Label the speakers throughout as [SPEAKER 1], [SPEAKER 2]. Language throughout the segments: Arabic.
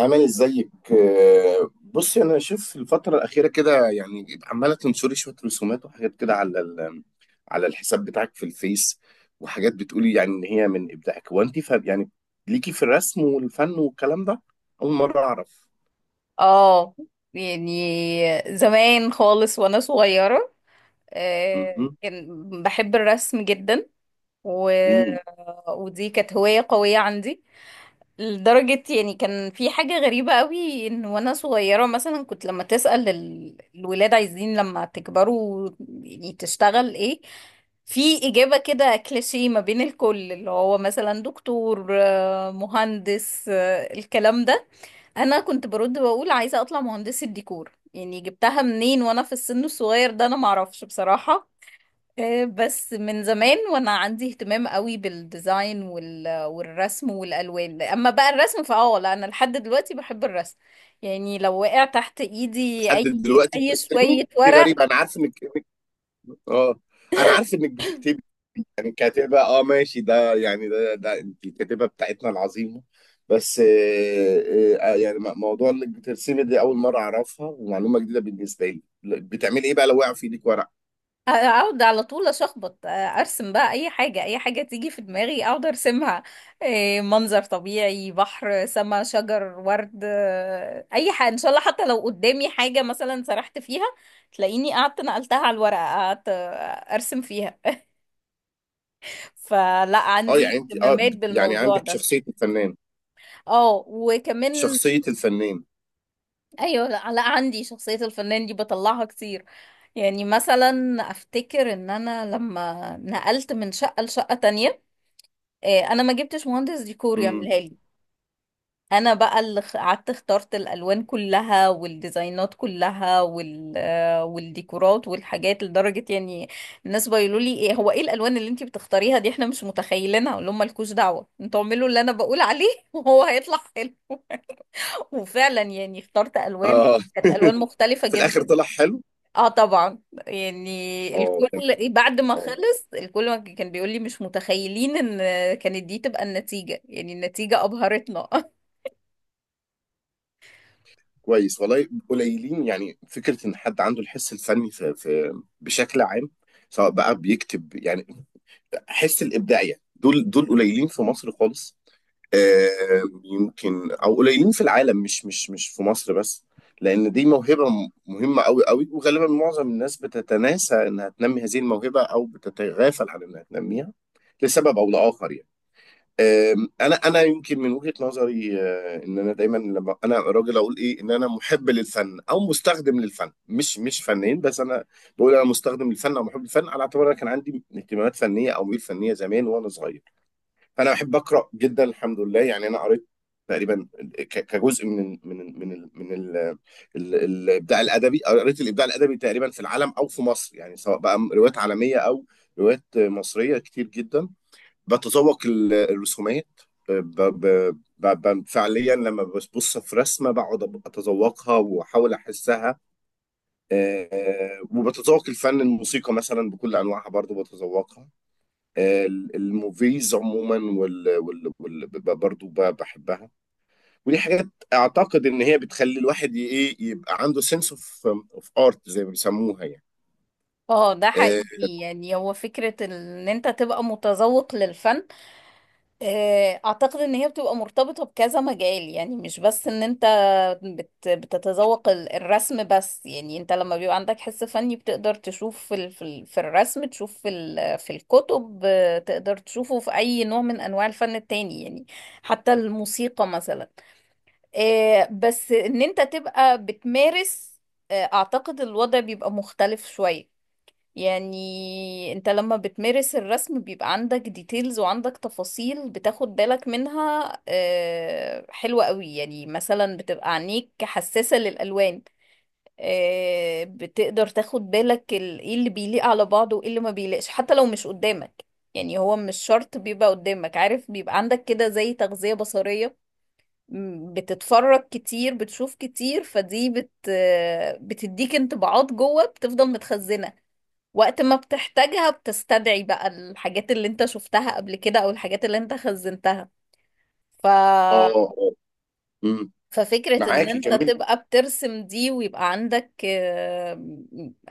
[SPEAKER 1] عامل ازيك؟ بصي، انا شايف الفتره الاخيره كده، يعني عماله تنشري شويه رسومات وحاجات كده على على الحساب بتاعك في الفيس، وحاجات بتقولي يعني ان هي من ابداعك. هو انت يعني ليكي في الرسم والفن والكلام ده؟ اول مره اعرف.
[SPEAKER 2] اه، يعني زمان خالص وانا صغيرة.
[SPEAKER 1] مهم.
[SPEAKER 2] كان بحب الرسم جدا و...
[SPEAKER 1] مم.
[SPEAKER 2] ودي كانت هواية قوية عندي لدرجة يعني كان في حاجة غريبة قوي ان وانا صغيرة مثلا كنت لما تسأل الولاد عايزين لما تكبروا يعني تشتغل ايه، في إجابة كده كليشيه ما بين الكل اللي هو مثلا دكتور، مهندس، الكلام ده. انا كنت برد واقول عايزة اطلع مهندسة ديكور، يعني جبتها منين وانا في السن الصغير ده؟ انا معرفش بصراحة. بس من زمان وانا عندي اهتمام قوي بالديزاين والرسم والالوان، اما بقى الرسم فاه لا انا لحد دلوقتي بحب الرسم، يعني لو وقع تحت ايدي
[SPEAKER 1] لحد
[SPEAKER 2] اي
[SPEAKER 1] دلوقتي
[SPEAKER 2] اي شوية
[SPEAKER 1] بترسمي؟ دي
[SPEAKER 2] ورق
[SPEAKER 1] غريبه. انا عارف انك اه، انا عارف انك بتكتبي، يعني كاتبة، اه ماشي، ده يعني ده انت الكاتبة بتاعتنا العظيمة. بس يعني موضوع انك بترسمي دي اول مرة اعرفها، ومعلومة جديدة بالنسبة لي. بتعملي ايه بقى لو وقع في ايدك ورق؟
[SPEAKER 2] اقعد على طول اشخبط، ارسم بقى اي حاجة تيجي في دماغي اقعد ارسمها، منظر طبيعي، بحر، سما، شجر، ورد، اي حاجة ان شاء الله، حتى لو قدامي حاجة مثلا سرحت فيها تلاقيني قعدت نقلتها على الورقة، قعدت ارسم فيها، فلا
[SPEAKER 1] اه
[SPEAKER 2] عندي
[SPEAKER 1] يعني انت اه
[SPEAKER 2] اهتمامات
[SPEAKER 1] يعني
[SPEAKER 2] بالموضوع
[SPEAKER 1] عندك
[SPEAKER 2] ده.
[SPEAKER 1] شخصية الفنان،
[SPEAKER 2] اه وكمان
[SPEAKER 1] شخصية الفنان.
[SPEAKER 2] ايوه، لا لا، عندي شخصية الفنان دي بطلعها كتير. يعني مثلا افتكر ان انا لما نقلت من شقة لشقة تانية، انا ما جبتش مهندس ديكور
[SPEAKER 1] امم.
[SPEAKER 2] يعملها لي، انا بقى اللي قعدت اخترت الالوان كلها والديزاينات كلها، والديكورات والحاجات، لدرجه يعني الناس بيقولوا لي ايه هو ايه الالوان اللي انتي بتختاريها دي؟ احنا مش متخيلينها. اقول لهم مالكوش دعوه، انتوا اعملوا اللي انا بقول عليه وهو هيطلع حلو. وفعلا يعني اخترت الوان
[SPEAKER 1] اه
[SPEAKER 2] كانت الوان مختلفه
[SPEAKER 1] في الاخر
[SPEAKER 2] جدا.
[SPEAKER 1] طلع حلو.
[SPEAKER 2] اه طبعا، يعني
[SPEAKER 1] اه
[SPEAKER 2] الكل
[SPEAKER 1] تمام.
[SPEAKER 2] بعد ما
[SPEAKER 1] اه
[SPEAKER 2] خلص الكل ما كان بيقول لي مش متخيلين ان كانت دي تبقى النتيجه، يعني النتيجه ابهرتنا.
[SPEAKER 1] كويس، والله قليلين. يعني فكره ان حد عنده الحس الفني في بشكل عام، سواء بقى بيكتب، يعني حس الابداعيه، دول قليلين في مصر خالص. آه، يمكن او قليلين في العالم، مش مش في مصر بس، لان دي موهبه مهمه قوي قوي، وغالبا معظم الناس بتتناسى انها تنمي هذه الموهبه، او بتتغافل عن انها تنميها لسبب او لاخر يعني. انا يمكن من وجهة نظري، ان انا دايما لما انا راجل اقول ايه، ان انا محب للفن او مستخدم للفن، مش فنان بس. انا بقول انا مستخدم للفن او محب للفن، على اعتبار انا كان عندي اهتمامات فنيه او ميول فنيه زمان وانا صغير. فانا بحب اقرا جدا، الحمد لله. يعني انا قريت تقريبا كجزء من الابداع الادبي. قريت الابداع الادبي تقريبا في العالم او في مصر، يعني سواء بقى روايات عالميه او روايات مصريه كتير جدا. بتذوق الرسومات. ب... ب... فعليا لما ببص في رسمه، بقعد اتذوقها واحاول احسها. آه، وبتذوق الفن، الموسيقى مثلا بكل انواعها برضو بتذوقها. الموفيز عموما برضو بحبها. ودي حاجات اعتقد ان هي بتخلي الواحد ايه، يبقى عنده سنس اوف اوف ارت زي ما بيسموها يعني.
[SPEAKER 2] اه ده
[SPEAKER 1] اه.
[SPEAKER 2] حقيقي، يعني هو فكرة ان انت تبقى متذوق للفن، اعتقد ان هي بتبقى مرتبطة بكذا مجال، يعني مش بس ان انت بتتذوق الرسم بس، يعني انت لما بيبقى عندك حس فني بتقدر تشوف في في الرسم، تشوف في في الكتب، تقدر تشوفه في اي نوع من انواع الفن التاني، يعني حتى الموسيقى مثلا. بس ان انت تبقى بتمارس، اعتقد الوضع بيبقى مختلف شوية، يعني انت لما بتمارس الرسم بيبقى عندك ديتيلز وعندك تفاصيل بتاخد بالك منها حلوة قوي، يعني مثلا بتبقى عينيك حساسة للألوان، بتقدر تاخد بالك ايه اللي بيليق على بعضه وايه اللي ما بيليقش حتى لو مش قدامك، يعني هو مش شرط بيبقى قدامك، عارف بيبقى عندك كده زي تغذية بصرية، بتتفرج كتير بتشوف كتير، فدي بت آه، بتديك انطباعات جوه بتفضل متخزنة، وقت ما بتحتاجها بتستدعي بقى الحاجات اللي انت شفتها قبل كده، او الحاجات اللي انت خزنتها. ف...
[SPEAKER 1] اه. آه. مم.
[SPEAKER 2] ففكرة ان
[SPEAKER 1] معاكي
[SPEAKER 2] انت
[SPEAKER 1] كملي.
[SPEAKER 2] تبقى بترسم دي، ويبقى عندك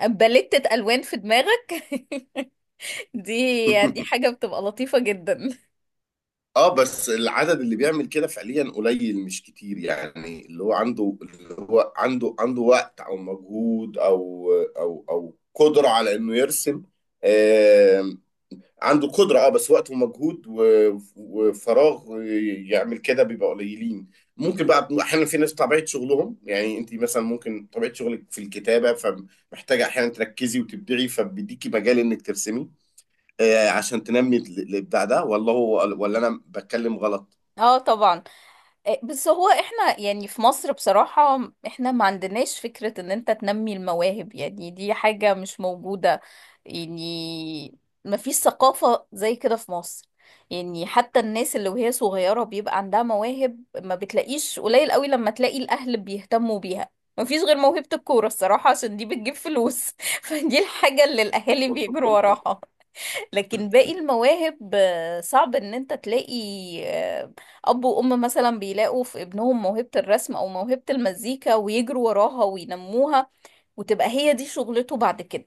[SPEAKER 2] باليتة الوان في دماغك دي دي حاجة بتبقى لطيفة جدا.
[SPEAKER 1] اه بس العدد اللي بيعمل كده فعليا قليل مش كتير. يعني اللي هو عنده، اللي هو عنده وقت او مجهود او قدرة على انه يرسم. آه، عنده قدرة اه، بس وقت ومجهود وفراغ يعمل كده، بيبقى قليلين. ممكن بقى احيانا في ناس طبيعة شغلهم، يعني انت مثلا ممكن طبيعة شغلك في الكتابة، فمحتاجة احيانا تركزي وتبدعي، فبيديكي مجال انك ترسمي، آه، عشان تنمي الابداع ده. ولا هو، ولا انا بتكلم غلط؟
[SPEAKER 2] اه طبعا. إيه، بس هو احنا يعني في مصر بصراحة احنا ما عندناش فكرة ان انت تنمي المواهب، يعني دي حاجة مش موجودة، يعني ما فيش ثقافة زي كده في مصر، يعني حتى الناس اللي وهي صغيرة بيبقى عندها مواهب ما بتلاقيش، قليل قوي لما تلاقي الاهل بيهتموا بيها. ما فيش غير موهبة الكورة الصراحة، عشان دي بتجيب فلوس فدي الحاجة اللي الاهالي بيجروا وراها، لكن باقي المواهب صعب ان انت تلاقي آه، اب وام مثلا بيلاقوا في ابنهم موهبة الرسم او موهبة المزيكا ويجروا وراها وينموها وتبقى هي دي شغلته بعد كده،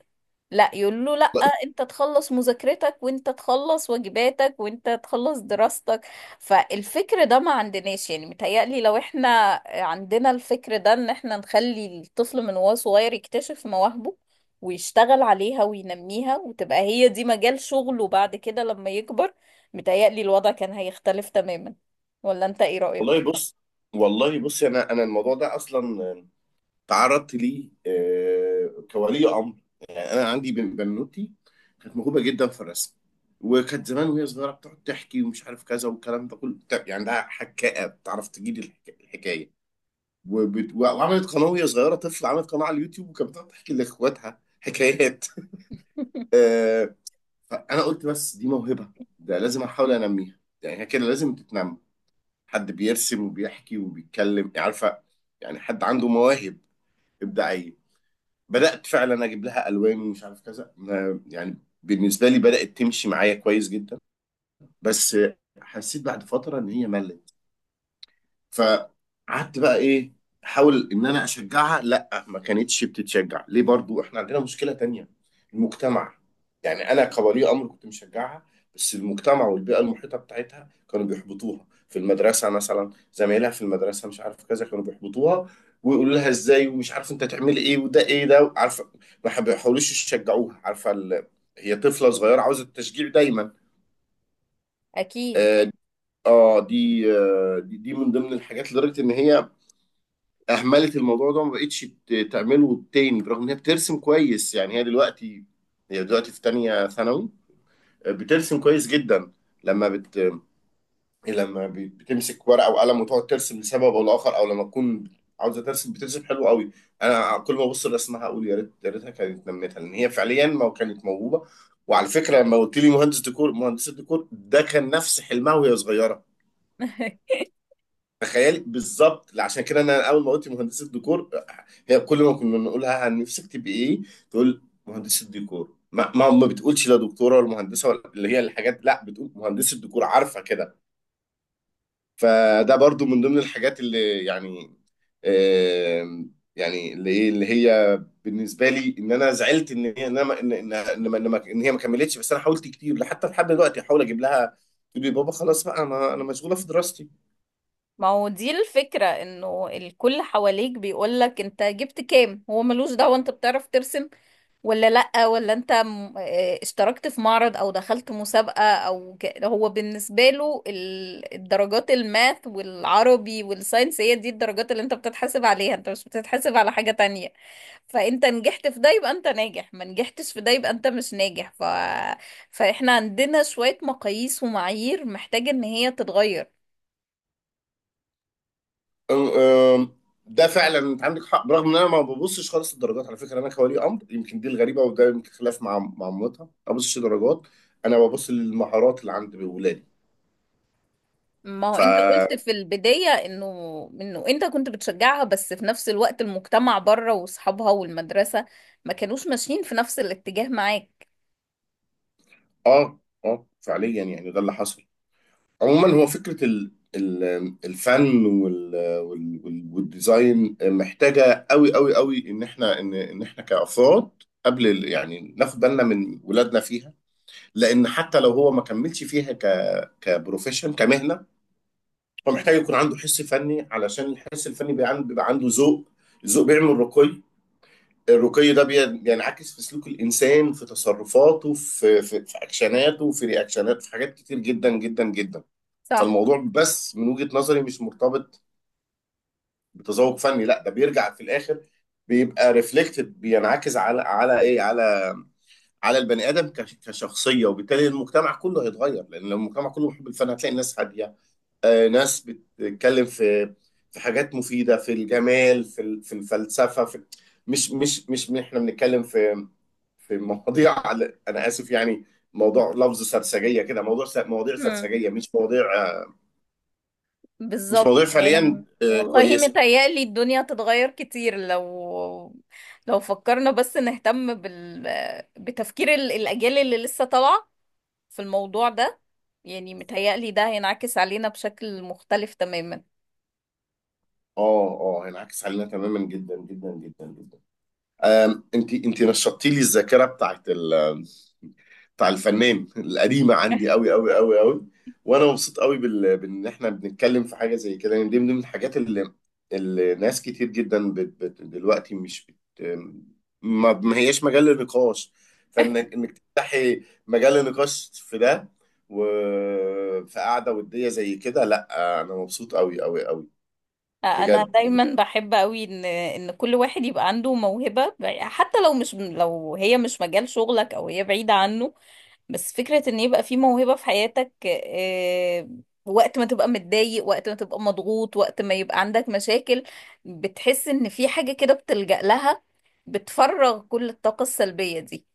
[SPEAKER 2] لا يقول له لا، انت تخلص مذاكرتك وانت تخلص واجباتك وانت تخلص دراستك، فالفكر ده ما عندناش، يعني متهيألي لو احنا عندنا الفكر ده ان احنا نخلي الطفل من وهو صغير يكتشف مواهبه ويشتغل عليها وينميها وتبقى هي دي مجال شغله بعد كده لما يكبر، متهيألي الوضع كان هيختلف تماما، ولا انت ايه رأيك؟
[SPEAKER 1] والله بص، والله بص، انا الموضوع ده اصلا، تعرضت ليه كولي امر. يعني انا عندي بنوتي كانت موهوبه جدا في الرسم. وكانت زمان وهي صغيره بتقعد تحكي، ومش عارف كذا والكلام ده كله يعني عندها حكايه، بتعرف تجيب الحكايه. وعملت قناه وهي صغيره طفل، عملت قناه على اليوتيوب، وكانت بتقعد تحكي لاخواتها حكايات. فانا قلت بس دي موهبه، ده لازم احاول انميها. يعني هي كده لازم تتنمى، حد بيرسم وبيحكي وبيتكلم، يعني عارفه، يعني حد عنده مواهب ابداعيه. بدات فعلا اجيب لها الوان ومش عارف كذا يعني بالنسبه لي بدات تمشي معايا كويس جدا. بس حسيت بعد فتره ان هي ملت. فقعدت بقى ايه، احاول ان انا اشجعها. لا ما كانتش بتتشجع. ليه؟ برضو احنا عندنا مشكلة تانية، المجتمع. يعني انا كولي امر كنت مشجعها، بس المجتمع والبيئة المحيطة بتاعتها كانوا بيحبطوها. في المدرسة مثلا زمايلها في المدرسة، مش عارف كذا، كانوا بيحبطوها ويقولوا لها ازاي، ومش عارف انت تعملي ايه وده ايه ده، عارفه. ما بيحاولوش يشجعوها، عارفه هي طفله صغيره عاوزه التشجيع دايما.
[SPEAKER 2] اكيد.
[SPEAKER 1] اه. دي من ضمن الحاجات، لدرجه ان هي اهملت الموضوع ده وما بقتش تعمله تاني، برغم ان هي بترسم كويس. يعني هي دلوقتي، هي دلوقتي في تانية ثانوي، بترسم كويس جدا. لما بت بتمسك ورقة وقلم وتقعد ترسم لسبب او لاخر، او لما تكون عاوزة ترسم بترسم حلو قوي. انا كل ما ابص لرسمها اقول يا ريت، يا ريتها كانت نمتها، لان هي فعليا ما كانت موهوبة. وعلى فكرة لما قلت لي مهندس ديكور، مهندس الديكور ده كان نفس حلمها وهي صغيرة. تخيلي بالظبط. عشان كده انا اول ما قلت مهندسه ديكور، هي كل ما كنا نقولها عن نفسك تبقي ايه، تقول مهندسه ديكور. ما بتقولش لا دكتوره ولا مهندسه ولا اللي هي الحاجات، لا بتقول مهندسه ديكور، عارفه كده. فده برضو من ضمن الحاجات اللي يعني، يعني اللي ايه، اللي هي بالنسبه لي ان انا زعلت ان هي ان أنا- ان ان ان ما- ان ما- إن هي ما كملتش. بس انا حاولت كتير حتى لحد دلوقتي احاول اجيب لها، تقول لي بابا خلاص بقى، انا مشغوله في دراستي.
[SPEAKER 2] ما هو دي الفكرة، انه الكل حواليك بيقولك انت جبت كام، هو ملوش دعوة انت بتعرف ترسم ولا لأ، ولا انت اشتركت في معرض، او دخلت مسابقة، او هو بالنسبة له الدرجات، الماث والعربي والساينس هي دي الدرجات اللي انت بتتحاسب عليها، انت مش بتتحاسب على حاجة تانية، فانت نجحت في ده يبقى انت ناجح، ما نجحتش في ده يبقى انت مش ناجح، فاحنا عندنا شوية مقاييس ومعايير محتاجة ان هي تتغير.
[SPEAKER 1] أم- أم، ده فعلا انت عندك حق، برغم ان انا ما ببصش خالص الدرجات على فكره. انا كولي امر يمكن دي الغريبه، وده يمكن خلاف مع مامتها، ما ببصش درجات، انا ببص للمهارات اللي عند ولادي.
[SPEAKER 2] ما هو انت
[SPEAKER 1] فا
[SPEAKER 2] قلت في البداية انه انت كنت بتشجعها، بس في نفس الوقت المجتمع بره واصحابها والمدرسة ما كانوش ماشيين في نفس الاتجاه معاك.
[SPEAKER 1] اه اه فعليا يعني ده اللي حصل. عموما هو فكره الفن والديزاين محتاجه قوي قوي قوي، ان احنا ان احنا كافراد قبل يعني، ناخد بالنا من ولادنا فيها، لان حتى لو هو ما كملش فيها كبروفيشن، كمهنه، فمحتاج يكون عنده حس فني، علشان الحس الفني بيبقى عنده، بيبقى عنده ذوق، الذوق بيعمل رقي، الرقي ده بينعكس في سلوك الإنسان، في تصرفاته، في أكشناته، في رياكشنات، في حاجات كتير جدا جدا جدا.
[SPEAKER 2] صح.
[SPEAKER 1] فالموضوع بس من وجهة نظري مش مرتبط بتذوق فني، لا ده بيرجع في الآخر، بيبقى ريفلكتد، بينعكس على إيه، على على البني آدم كشخصية. وبالتالي المجتمع كله هيتغير، لأن لو المجتمع كله محب الفن هتلاقي الناس هادية، ناس بتتكلم في في حاجات مفيدة، في الجمال، في في الفلسفة، في مش احنا بنتكلم في في مواضيع انا اسف، يعني موضوع لفظ سرسجية كده، موضوع مواضيع
[SPEAKER 2] امم.
[SPEAKER 1] سرسجية، مش مواضيع مش
[SPEAKER 2] بالظبط،
[SPEAKER 1] مواضيع فعليا
[SPEAKER 2] يعني والله
[SPEAKER 1] كويسة.
[SPEAKER 2] متهيألي الدنيا هتتغير كتير لو فكرنا بس نهتم بتفكير الأجيال اللي لسه طالعة في الموضوع ده، يعني متهيألي ده هينعكس علينا بشكل مختلف تماما.
[SPEAKER 1] اه اه هينعكس علينا تماما، جدا جدا جدا جدا. انت نشطتي لي الذاكره بتاع الفنان القديمه عندي قوي قوي قوي قوي. وانا مبسوط قوي بان احنا بنتكلم في حاجه زي كده، يعني دي من ضمن الحاجات اللي ناس كتير جدا دلوقتي مش بت... ما... ما هياش مجال للنقاش. فانك تفتحي مجال للنقاش في ده وفي قعده وديه زي كده، لا انا مبسوط قوي قوي قوي.
[SPEAKER 2] انا
[SPEAKER 1] بجد.
[SPEAKER 2] دايما بحب قوي ان كل واحد يبقى عنده موهبة، حتى لو مش لو هي مش مجال شغلك او هي بعيدة عنه، بس فكرة ان يبقى في موهبة في حياتك، وقت ما تبقى متضايق، وقت ما تبقى مضغوط، وقت ما يبقى عندك مشاكل بتحس ان في حاجة كده بتلجأ لها، بتفرغ كل الطاقة السلبية دي،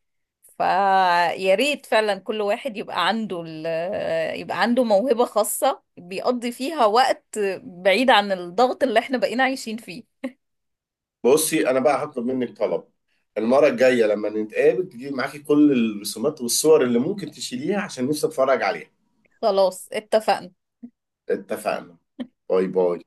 [SPEAKER 2] فيا ريت فعلا كل واحد يبقى عنده يبقى عنده موهبة خاصة بيقضي فيها وقت بعيد عن الضغط اللي احنا بقينا عايشين فيه.
[SPEAKER 1] بصي انا بقى هطلب منك طلب، المره الجايه لما نتقابل تجيب معاكي كل الرسومات والصور اللي ممكن تشيليها، عشان نفسي اتفرج عليها.
[SPEAKER 2] خلاص اتفقنا.
[SPEAKER 1] اتفقنا. باي باي.